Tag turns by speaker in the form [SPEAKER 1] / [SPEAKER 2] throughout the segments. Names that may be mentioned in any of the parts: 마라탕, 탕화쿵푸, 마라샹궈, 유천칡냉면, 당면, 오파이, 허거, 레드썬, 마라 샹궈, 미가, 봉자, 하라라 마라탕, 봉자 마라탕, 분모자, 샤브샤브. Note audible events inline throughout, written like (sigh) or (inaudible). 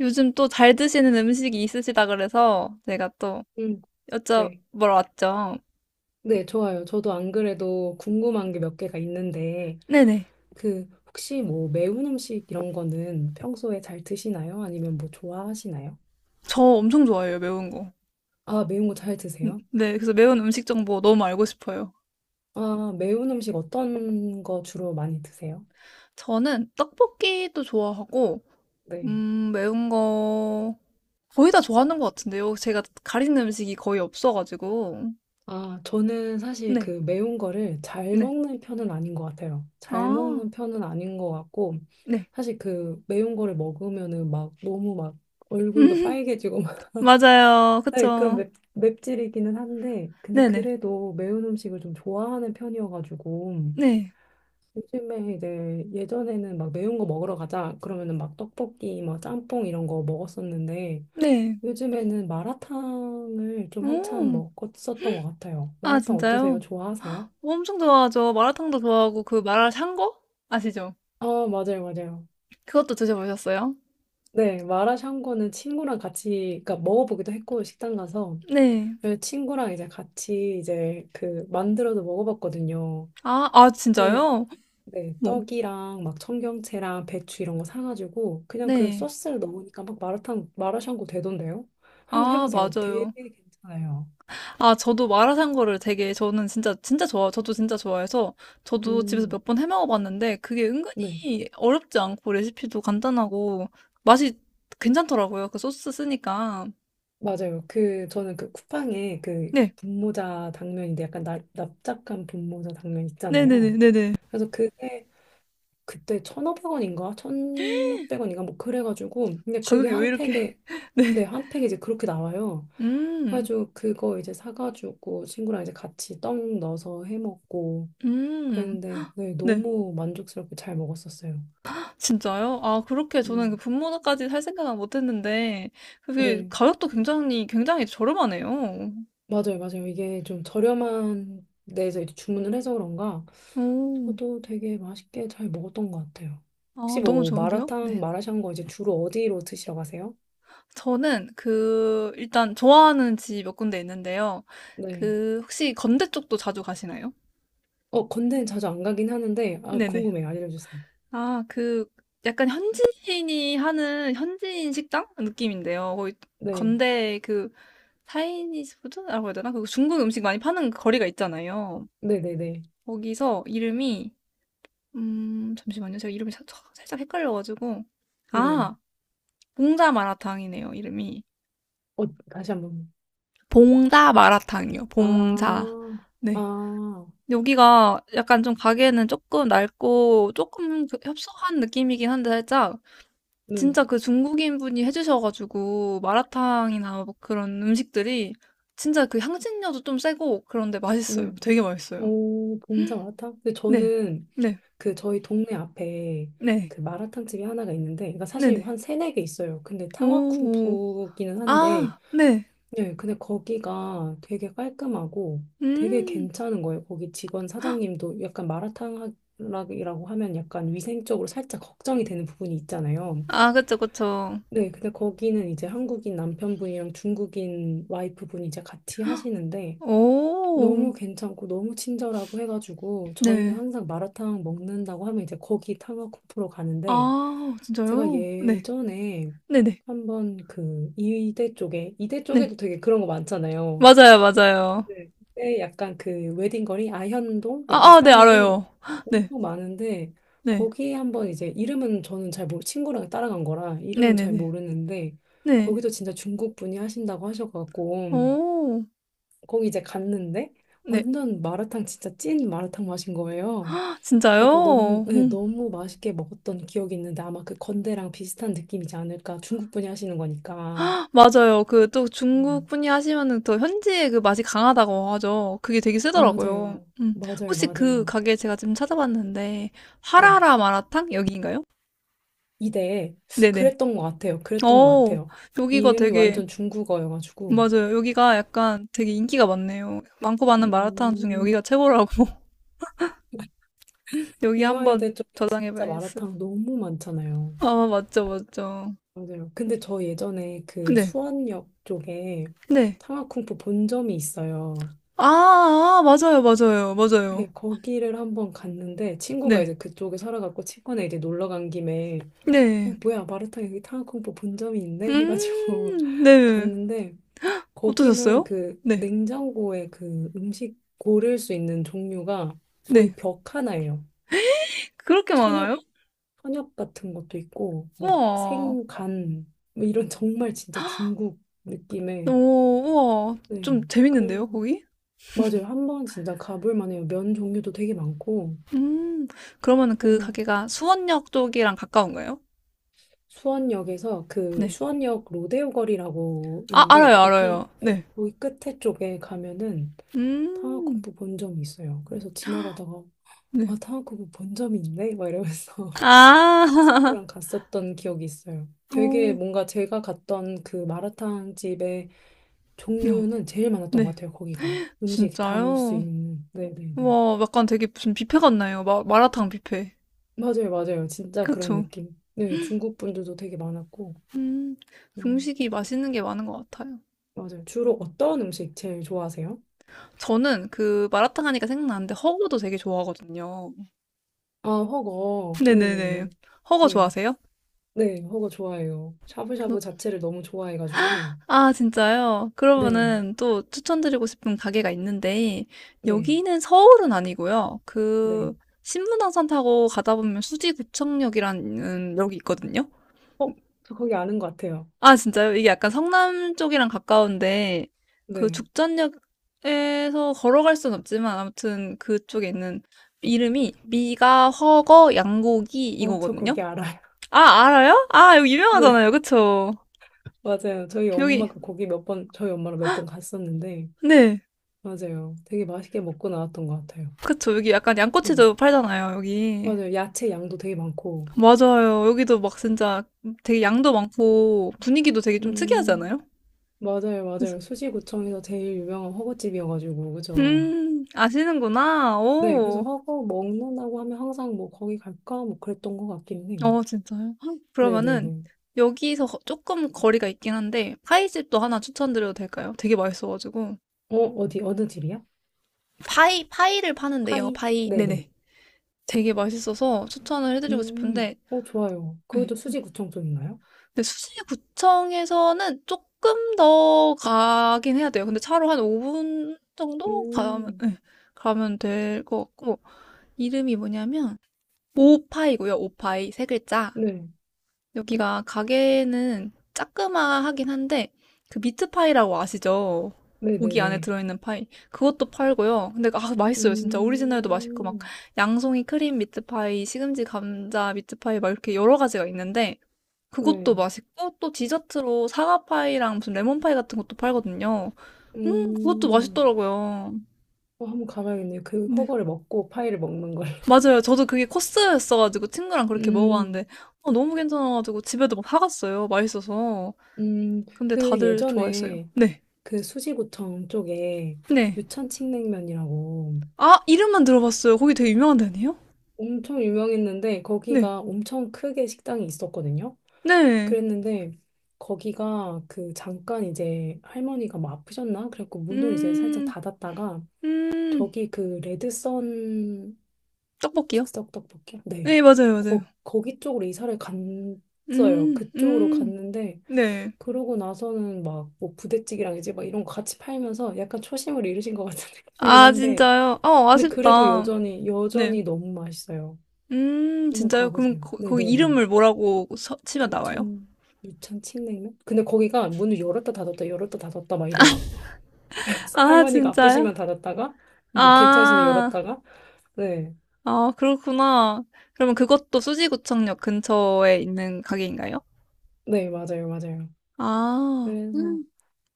[SPEAKER 1] 요즘 또 잘 드시는 음식이 있으시다 그래서 제가 또
[SPEAKER 2] 음, 네.
[SPEAKER 1] 여쭤보러 왔죠.
[SPEAKER 2] 네, 좋아요. 저도 안 그래도 궁금한 게 몇 개가 있는데,
[SPEAKER 1] 네네.
[SPEAKER 2] 그, 혹시 뭐 매운 음식 이런 거는 평소에 잘 드시나요? 아니면 뭐 좋아하시나요?
[SPEAKER 1] 저 엄청 좋아해요, 매운 거.
[SPEAKER 2] 아, 매운 거 잘 드세요?
[SPEAKER 1] 네, 그래서 매운 음식 정보 너무 알고 싶어요.
[SPEAKER 2] 아, 매운 음식 어떤 거 주로 많이 드세요?
[SPEAKER 1] 저는 떡볶이도 좋아하고,
[SPEAKER 2] 네.
[SPEAKER 1] 매운 거 거의 다 좋아하는 것 같은데요. 제가 가리는 음식이 거의 없어가지고.
[SPEAKER 2] 아, 저는 사실
[SPEAKER 1] 네,
[SPEAKER 2] 그 매운 거를 잘
[SPEAKER 1] 네.
[SPEAKER 2] 먹는 편은 아닌 것 같아요. 잘
[SPEAKER 1] 아,
[SPEAKER 2] 먹는 편은 아닌 것 같고,
[SPEAKER 1] 네.
[SPEAKER 2] 사실 그 매운 거를 먹으면은 막 너무 막 얼굴도
[SPEAKER 1] (laughs)
[SPEAKER 2] 빨개지고
[SPEAKER 1] 맞아요.
[SPEAKER 2] 네, 그런
[SPEAKER 1] 그쵸.
[SPEAKER 2] 맵찔이기는 한데, 근데
[SPEAKER 1] 네네.
[SPEAKER 2] 그래도 매운 음식을 좀 좋아하는 편이어가지고,
[SPEAKER 1] 네,
[SPEAKER 2] 요즘에 이제 예전에는 막 매운 거 먹으러 가자, 그러면은 막 떡볶이, 막 짬뽕 이런 거 먹었었는데,
[SPEAKER 1] 네.
[SPEAKER 2] 요즘에는 마라탕을 좀 한참
[SPEAKER 1] 오,
[SPEAKER 2] 먹었었던 것 같아요.
[SPEAKER 1] 아,
[SPEAKER 2] 마라탕 어떠세요?
[SPEAKER 1] 진짜요?
[SPEAKER 2] 좋아하세요?
[SPEAKER 1] 뭐 엄청 좋아하죠. 마라탕도 좋아하고 그 마라 샹궈 아시죠?
[SPEAKER 2] 아, 맞아요, 맞아요.
[SPEAKER 1] 그것도 드셔보셨어요?
[SPEAKER 2] 네, 마라샹궈는 친구랑 같이, 그러니까 먹어보기도 했고, 식당 가서.
[SPEAKER 1] 네.
[SPEAKER 2] 그래서 친구랑 이제 같이 이제 그 만들어서 먹어봤거든요.
[SPEAKER 1] 아, 아
[SPEAKER 2] 근데
[SPEAKER 1] 진짜요?
[SPEAKER 2] 네,
[SPEAKER 1] 뭐.
[SPEAKER 2] 떡이랑 막 청경채랑 배추 이런 거 사가지고 그냥 그
[SPEAKER 1] 네.
[SPEAKER 2] 소스를 넣으니까 막 마라탕 마라샹궈 되던데요? 한번
[SPEAKER 1] 아,
[SPEAKER 2] 해보세요. 되게
[SPEAKER 1] 맞아요.
[SPEAKER 2] 괜찮아요.
[SPEAKER 1] 아, 저도 마라 샹궈를 되게 저는 진짜 진짜 좋아. 저도 진짜 좋아해서 저도 집에서
[SPEAKER 2] 음,
[SPEAKER 1] 몇 번 해 먹어 봤는데 그게
[SPEAKER 2] 네,
[SPEAKER 1] 은근히 어렵지 않고 레시피도 간단하고 맛이 괜찮더라고요. 그 소스 쓰니까.
[SPEAKER 2] 맞아요. 그 저는 그 쿠팡에 그
[SPEAKER 1] 네.
[SPEAKER 2] 분모자 당면인데 약간 납작한 분모자 당면 있잖아요.
[SPEAKER 1] 네네네네네.
[SPEAKER 2] 그래서 그게 그때 1,500원인가 1,600원인가 뭐 그래가지고 근데 그게
[SPEAKER 1] 가격이 왜
[SPEAKER 2] 한
[SPEAKER 1] 이렇게.
[SPEAKER 2] 팩에
[SPEAKER 1] (laughs) 네.
[SPEAKER 2] 네, 한 팩 이제 그렇게 나와요.
[SPEAKER 1] 음.
[SPEAKER 2] 그래가지고 그거 이제 사가지고 친구랑 이제 같이 떡 넣어서 해 먹고
[SPEAKER 1] 음.
[SPEAKER 2] 그랬는데 네,
[SPEAKER 1] 네.
[SPEAKER 2] 너무 만족스럽게 잘 먹었었어요.
[SPEAKER 1] 진짜요? 아 그렇게 저는 그
[SPEAKER 2] 음.
[SPEAKER 1] 분모까지 살 생각은 못 했는데 그게
[SPEAKER 2] 네,
[SPEAKER 1] 가격도 굉장히, 굉장히 저렴하네요.
[SPEAKER 2] 맞아요, 맞아요. 이게 좀 저렴한 데에서 이제 주문을 해서 그런가
[SPEAKER 1] 오.
[SPEAKER 2] 저도 되게 맛있게 잘 먹었던 것 같아요.
[SPEAKER 1] 아
[SPEAKER 2] 혹시
[SPEAKER 1] 너무
[SPEAKER 2] 뭐
[SPEAKER 1] 좋은데요?
[SPEAKER 2] 마라탕,
[SPEAKER 1] 네.
[SPEAKER 2] 마라샹궈 이제 주로 어디로 드시러 가세요?
[SPEAKER 1] 저는 그 일단 좋아하는 집 몇 군데 있는데요.
[SPEAKER 2] 네.
[SPEAKER 1] 그 혹시 건대 쪽도 자주 가시나요?
[SPEAKER 2] 어, 건대는 자주 안 가긴 하는데 아,
[SPEAKER 1] 네네.
[SPEAKER 2] 궁금해요. 알려주세요.
[SPEAKER 1] 아 그 약간 현지인이 하는 현지인 식당 느낌인데요. 거기
[SPEAKER 2] 네,
[SPEAKER 1] 건대 그 차이니즈 푸드라고 해야 되나? 그 중국 음식 많이 파는 거리가 있잖아요.
[SPEAKER 2] 네, 네, 네.
[SPEAKER 1] 거기서 이름이 잠시만요. 제가 이름이 살 살짝 헷갈려 가지고.
[SPEAKER 2] 네.
[SPEAKER 1] 아 봉자 마라탕이네요 이름이.
[SPEAKER 2] 어, 다시 한번.
[SPEAKER 1] 봉자 마라탕이요.
[SPEAKER 2] 아,
[SPEAKER 1] 봉자. 네.
[SPEAKER 2] 아,
[SPEAKER 1] 여기가 약간 좀 가게는 조금 낡고 조금 그 협소한 느낌이긴 한데 살짝
[SPEAKER 2] 네,
[SPEAKER 1] 진짜 그 중국인분이 해 주셔 가지고 마라탕이나 뭐 그런 음식들이 진짜 그 향신료도 좀 세고 그런데 맛있어요.
[SPEAKER 2] 네.
[SPEAKER 1] 되게 맛있어요.
[SPEAKER 2] 오, 봉자 마라탕? 근데
[SPEAKER 1] 네.
[SPEAKER 2] 저는
[SPEAKER 1] 네.
[SPEAKER 2] 그 저희 동네 앞에
[SPEAKER 1] 네.
[SPEAKER 2] 그 마라탕 집이 하나가 있는데, 그러니까 사실
[SPEAKER 1] 네네.
[SPEAKER 2] 한 세네 개 있어요. 근데
[SPEAKER 1] 오. 오.
[SPEAKER 2] 탕화쿵푸기는 한데,
[SPEAKER 1] 아 네.
[SPEAKER 2] 네, 근데 거기가 되게 깔끔하고 되게
[SPEAKER 1] 음.
[SPEAKER 2] 괜찮은 거예요. 거기 직원 사장님도 약간 마라탕이라고 하면 약간 위생적으로 살짝 걱정이 되는 부분이 있잖아요.
[SPEAKER 1] 아 그쵸, 그쵸.
[SPEAKER 2] 네, 근데 거기는 이제 한국인 남편분이랑 중국인 와이프분이 이제 같이 하시는데,
[SPEAKER 1] 오
[SPEAKER 2] 너무 괜찮고 너무 친절하고 해가지고 저희는
[SPEAKER 1] 네.
[SPEAKER 2] 항상 마라탕 먹는다고 하면 이제 거기 탕화코프로 가는데
[SPEAKER 1] 아
[SPEAKER 2] 제가
[SPEAKER 1] 진짜요? 네.
[SPEAKER 2] 예전에
[SPEAKER 1] 네네. 네.
[SPEAKER 2] 한번 그 이대 쪽에 이대
[SPEAKER 1] 네.
[SPEAKER 2] 쪽에도 되게 그런 거 많잖아요.
[SPEAKER 1] 맞아요, 맞아요.
[SPEAKER 2] 네. 그때 약간 그 웨딩거리 아현동 약간
[SPEAKER 1] 아아 네
[SPEAKER 2] 사이에
[SPEAKER 1] 알아요. 네.
[SPEAKER 2] 엄청 많은데
[SPEAKER 1] 네.
[SPEAKER 2] 거기에 한번 이제 이름은 저는 잘 모르 친구랑 따라간 거라 이름은 잘
[SPEAKER 1] 네네네.
[SPEAKER 2] 모르는데
[SPEAKER 1] 네.
[SPEAKER 2] 거기도 진짜 중국 분이 하신다고 하셔지고
[SPEAKER 1] 어
[SPEAKER 2] 거기 이제 갔는데
[SPEAKER 1] 네.
[SPEAKER 2] 완전 마라탕 진짜 찐 마라탕 맛인 거예요. 그래갖고 너무
[SPEAKER 1] 진짜요?
[SPEAKER 2] 네,
[SPEAKER 1] 음.
[SPEAKER 2] 너무 맛있게 먹었던 기억이 있는데 아마 그 건대랑 비슷한 느낌이지 않을까 중국 분이 하시는 거니까
[SPEAKER 1] 맞아요. 그 또 중국
[SPEAKER 2] 음.
[SPEAKER 1] 분이 하시면은 더 현지의 그 맛이 강하다고 하죠. 그게 되게 세더라고요.
[SPEAKER 2] 맞아요
[SPEAKER 1] 음.
[SPEAKER 2] 맞아요
[SPEAKER 1] 혹시 그
[SPEAKER 2] 맞아요
[SPEAKER 1] 가게 제가 지금 찾아봤는데
[SPEAKER 2] 네
[SPEAKER 1] 하라라 마라탕 여기인가요?
[SPEAKER 2] 이대
[SPEAKER 1] 네네.
[SPEAKER 2] 그랬던 것 같아요 그랬던 것
[SPEAKER 1] 어
[SPEAKER 2] 같아요
[SPEAKER 1] 여기가
[SPEAKER 2] 이름이
[SPEAKER 1] 되게
[SPEAKER 2] 완전 중국어여가지고
[SPEAKER 1] 맞아요. 여기가 약간 되게 인기가 많네요. 많고 많은 마라탕 중에
[SPEAKER 2] 음
[SPEAKER 1] 여기가 최고라고. (laughs) 여기 한번
[SPEAKER 2] 이화여대 쪽에 진짜
[SPEAKER 1] 저장해봐야겠어요.
[SPEAKER 2] 마라탕 너무 많잖아요.
[SPEAKER 1] 아, 맞죠, 맞죠.
[SPEAKER 2] 맞아요. 근데 저 예전에 그
[SPEAKER 1] 네,
[SPEAKER 2] 수원역 쪽에
[SPEAKER 1] 네.
[SPEAKER 2] 상하쿵푸 본점이 있어요.
[SPEAKER 1] 아, 아, 맞아요, 맞아요, 맞아요.
[SPEAKER 2] 네, 거기를 한번 갔는데 친구가
[SPEAKER 1] 네,
[SPEAKER 2] 이제 그쪽에 살아갖고 친구네 이제 놀러 간 김에 어
[SPEAKER 1] 네.
[SPEAKER 2] 뭐야 마라탕 여기 탕화쿵푸 본점이 있네 해가지고 (laughs)
[SPEAKER 1] 네.
[SPEAKER 2] 갔는데 거기는
[SPEAKER 1] 어떠셨어요?
[SPEAKER 2] 그
[SPEAKER 1] 네,
[SPEAKER 2] 냉장고에 그 음식 고를 수 있는 종류가
[SPEAKER 1] 네.
[SPEAKER 2] 거의 벽 하나예요.
[SPEAKER 1] 그렇게
[SPEAKER 2] 천엽
[SPEAKER 1] 많아요?
[SPEAKER 2] 천엽 같은 것도 있고 뭐
[SPEAKER 1] 우와.
[SPEAKER 2] 생간 뭐 이런 (laughs) 정말 진짜 중국 느낌의
[SPEAKER 1] 오, 우와.
[SPEAKER 2] 네.
[SPEAKER 1] 좀
[SPEAKER 2] 그래서
[SPEAKER 1] 재밌는데요, 거기?
[SPEAKER 2] 맞아요. 한번 진짜 가볼 만해요. 면 종류도 되게 많고.
[SPEAKER 1] 음, 그러면 그
[SPEAKER 2] 그래서
[SPEAKER 1] 가게가 수원역 쪽이랑 가까운가요?
[SPEAKER 2] 수원역에서 그
[SPEAKER 1] 네.
[SPEAKER 2] 수원역 로데오 거리라고
[SPEAKER 1] 아,
[SPEAKER 2] 있는데
[SPEAKER 1] 알아요,
[SPEAKER 2] 거기
[SPEAKER 1] 알아요.
[SPEAKER 2] 예,
[SPEAKER 1] 네.
[SPEAKER 2] 거기 끝에 쪽에 가면은 탕화국
[SPEAKER 1] 음,
[SPEAKER 2] 부 본점이 있어요. 그래서 지나가다가
[SPEAKER 1] 네.
[SPEAKER 2] 아 탕화국부 본점이 있네 막 이러면서 (laughs)
[SPEAKER 1] 아, (laughs)
[SPEAKER 2] 친구랑 갔었던 기억이 있어요. 되게
[SPEAKER 1] 오, 어,
[SPEAKER 2] 뭔가 제가 갔던 그 마라탕 집의 종류는 제일 많았던 것
[SPEAKER 1] 네,
[SPEAKER 2] 같아요. 거기가 음식 담을 수
[SPEAKER 1] 진짜요?
[SPEAKER 2] 있는. 네네네.
[SPEAKER 1] 와, 약간 되게 무슨 뷔페 같나요? 마라탕 뷔페.
[SPEAKER 2] 맞아요, 맞아요. 진짜 그런
[SPEAKER 1] 그쵸?
[SPEAKER 2] 느낌. 네, 중국 분들도 되게 많았고.
[SPEAKER 1] 음,
[SPEAKER 2] 음,
[SPEAKER 1] 중식이 맛있는 게 많은 것 같아요.
[SPEAKER 2] 맞아요. 주로 어떤 음식 제일 좋아하세요?
[SPEAKER 1] 저는 그 마라탕 하니까 생각나는데 허거도 되게 좋아하거든요.
[SPEAKER 2] 아, 허거.
[SPEAKER 1] 네네네.
[SPEAKER 2] 네네네.
[SPEAKER 1] 허거
[SPEAKER 2] 네.
[SPEAKER 1] 좋아하세요?
[SPEAKER 2] 네, 허거 좋아해요. 샤브샤브
[SPEAKER 1] 그-
[SPEAKER 2] 자체를 너무 좋아해가지고.
[SPEAKER 1] 아, 진짜요?
[SPEAKER 2] 네,
[SPEAKER 1] 그러면은 또 추천드리고 싶은 가게가 있는데,
[SPEAKER 2] 네,
[SPEAKER 1] 여기는 서울은 아니고요. 그,
[SPEAKER 2] 네.
[SPEAKER 1] 신분당선 타고 가다 보면 수지구청역이라는 역이 있거든요.
[SPEAKER 2] 어, 저 거기 아는 것 같아요.
[SPEAKER 1] 아, 진짜요? 이게 약간 성남 쪽이랑 가까운데, 그
[SPEAKER 2] 네.
[SPEAKER 1] 죽전역에서 걸어갈 순 없지만, 아무튼 그쪽에 있는 이름이 미가, 허거, 양고기
[SPEAKER 2] 어, 저
[SPEAKER 1] 이거거든요?
[SPEAKER 2] 거기 알아요.
[SPEAKER 1] 아, 알아요? 아, 여기
[SPEAKER 2] (laughs) 네,
[SPEAKER 1] 유명하잖아요. 그쵸?
[SPEAKER 2] 맞아요. 저희
[SPEAKER 1] 여기,
[SPEAKER 2] 엄마가 거기 몇 번, 저희 엄마랑 몇 번 갔었는데,
[SPEAKER 1] 네.
[SPEAKER 2] 맞아요. 되게 맛있게 먹고 나왔던 것 같아요.
[SPEAKER 1] 그쵸. 여기 약간
[SPEAKER 2] 네,
[SPEAKER 1] 양꼬치도 팔잖아요. 여기.
[SPEAKER 2] 맞아요. 야채 양도 되게 많고.
[SPEAKER 1] 맞아요. 여기도 막 진짜 되게 양도 많고, 분위기도 되게 좀
[SPEAKER 2] 음.
[SPEAKER 1] 특이하잖아요?
[SPEAKER 2] 맞아요,
[SPEAKER 1] 그래서,
[SPEAKER 2] 맞아요. 수지구청에서 제일 유명한 허거집이어가지고, 그죠?
[SPEAKER 1] 아시는구나.
[SPEAKER 2] 네, 그래서
[SPEAKER 1] 오.
[SPEAKER 2] 허거 먹는다고 하면 항상 뭐 거기 갈까? 뭐 그랬던 것 같긴 해요.
[SPEAKER 1] 어 진짜요? 헉, 그러면은
[SPEAKER 2] 네네네.
[SPEAKER 1] 여기서 조금 거리가 있긴 한데 파이집도 하나 추천드려도 될까요? 되게 맛있어가지고
[SPEAKER 2] 어, 어디, 어느 집이야?
[SPEAKER 1] 파이를 파는데요.
[SPEAKER 2] 파이?
[SPEAKER 1] 파이
[SPEAKER 2] 네네.
[SPEAKER 1] 네네. 되게 맛있어서 추천을 해드리고 싶은데
[SPEAKER 2] 어, 좋아요.
[SPEAKER 1] 네,
[SPEAKER 2] 그것도
[SPEAKER 1] 참.
[SPEAKER 2] 수지구청 쪽인가요?
[SPEAKER 1] 근데 수지구청에서는 조금 더 가긴 해야 돼요. 근데 차로 한 5분 정도 가면
[SPEAKER 2] 음,
[SPEAKER 1] 네, 가면 될 것 같고 이름이 뭐냐면 오파이고요. 오파이 세 글자
[SPEAKER 2] 네.
[SPEAKER 1] 여기가 가게는 짜그마하긴 한데 그 미트파이라고 아시죠? 고기 안에
[SPEAKER 2] 네네네.
[SPEAKER 1] 들어있는 파이 그것도 팔고요. 근데 아 맛있어요 진짜 오리지널도 맛있고 막
[SPEAKER 2] 음,
[SPEAKER 1] 양송이 크림 미트파이, 시금치 감자 미트파이 막 이렇게 여러 가지가 있는데 그것도
[SPEAKER 2] 네.
[SPEAKER 1] 맛있고 또 디저트로 사과파이랑 무슨 레몬파이 같은 것도 팔거든요. 그것도
[SPEAKER 2] 음,
[SPEAKER 1] 맛있더라고요.
[SPEAKER 2] 어, 한번 가봐야겠네요. 그
[SPEAKER 1] 네
[SPEAKER 2] 허거를 먹고 파이를 먹는 걸. (laughs)
[SPEAKER 1] 맞아요. 저도 그게 코스였어가지고 친구랑 그렇게
[SPEAKER 2] 음,
[SPEAKER 1] 먹어봤는데 어, 너무 괜찮아가지고 집에도 막 사갔어요. 맛있어서. 근데
[SPEAKER 2] 그
[SPEAKER 1] 다들 좋아했어요.
[SPEAKER 2] 예전에
[SPEAKER 1] 네.
[SPEAKER 2] 그 수지구청 쪽에
[SPEAKER 1] 네.
[SPEAKER 2] 유천칡냉면이라고
[SPEAKER 1] 아, 이름만 들어봤어요. 거기 되게 유명한 데 아니에요?
[SPEAKER 2] 엄청 유명했는데
[SPEAKER 1] 네.
[SPEAKER 2] 거기가 엄청 크게 식당이 있었거든요.
[SPEAKER 1] 네.
[SPEAKER 2] 그랬는데 거기가 그 잠깐 이제 할머니가 뭐 아프셨나? 그래갖고 문을 이제 살짝
[SPEAKER 1] 음,
[SPEAKER 2] 닫았다가
[SPEAKER 1] 음,
[SPEAKER 2] 저기 그 레드썬
[SPEAKER 1] 떡볶이요?
[SPEAKER 2] 즉석 떡볶이? 네.
[SPEAKER 1] 네, 맞아요, 맞아요.
[SPEAKER 2] 거, 거기 쪽으로 이사를 갔어요.
[SPEAKER 1] 음,
[SPEAKER 2] 그쪽으로
[SPEAKER 1] 음,
[SPEAKER 2] 갔는데
[SPEAKER 1] 네.
[SPEAKER 2] 그러고 나서는 막 뭐 부대찌개랑 이제 막 이런 거 같이 팔면서 약간 초심을 잃으신 것 같은 (laughs) 느낌이긴
[SPEAKER 1] 아,
[SPEAKER 2] 한데
[SPEAKER 1] 진짜요? 어,
[SPEAKER 2] 근데 그래도
[SPEAKER 1] 아쉽다.
[SPEAKER 2] 여전히,
[SPEAKER 1] 네.
[SPEAKER 2] 여전히 너무 맛있어요. 한번
[SPEAKER 1] 진짜요? 그럼
[SPEAKER 2] 가보세요.
[SPEAKER 1] 거기
[SPEAKER 2] 네네네.
[SPEAKER 1] 이름을 뭐라고 치면 나와요?
[SPEAKER 2] 유천, 유천 칡냉면? 근데 거기가 문을 열었다 닫았다, 열었다 닫았다 막 이래요. (laughs) 그래서
[SPEAKER 1] 아,
[SPEAKER 2] 할머니가
[SPEAKER 1] 진짜요?
[SPEAKER 2] 아프시면 닫았다가, 뭐 괜찮으시면
[SPEAKER 1] 아,
[SPEAKER 2] 열었다가, 네.
[SPEAKER 1] 아, 그렇구나. 그러면 그것도 수지구청역 근처에 있는 가게인가요?
[SPEAKER 2] 네, 맞아요, 맞아요.
[SPEAKER 1] 아,
[SPEAKER 2] 그래서,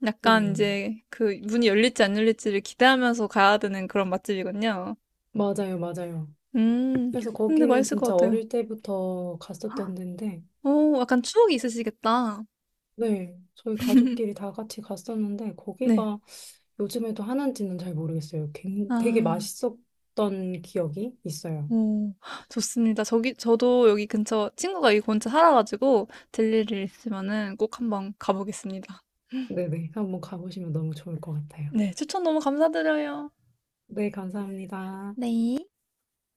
[SPEAKER 1] 약간
[SPEAKER 2] 네.
[SPEAKER 1] 이제 그 문이 열릴지 안 열릴지를 기대하면서 가야 되는 그런 맛집이군요.
[SPEAKER 2] 맞아요, 맞아요.
[SPEAKER 1] 음,
[SPEAKER 2] 그래서
[SPEAKER 1] 근데
[SPEAKER 2] 거기는
[SPEAKER 1] 맛있을
[SPEAKER 2] 진짜
[SPEAKER 1] 것 같아요.
[SPEAKER 2] 어릴 때부터 갔었던 데인데,
[SPEAKER 1] 오, 약간 추억이 있으시겠다.
[SPEAKER 2] 네. 저희 가족끼리
[SPEAKER 1] (laughs)
[SPEAKER 2] 다 같이 갔었는데,
[SPEAKER 1] 네.
[SPEAKER 2] 거기가 요즘에도 하는지는 잘 모르겠어요. 되게
[SPEAKER 1] 아,
[SPEAKER 2] 맛있었던 기억이 있어요.
[SPEAKER 1] 오, 좋습니다. 저기, 저도 여기 근처 친구가 이 근처 살아가지고 들릴 일 있으면은 꼭 한번 가보겠습니다.
[SPEAKER 2] 네네. 한번 가보시면 너무 좋을 것 같아요.
[SPEAKER 1] 네, 추천 너무 감사드려요.
[SPEAKER 2] 네, 감사합니다.
[SPEAKER 1] 네.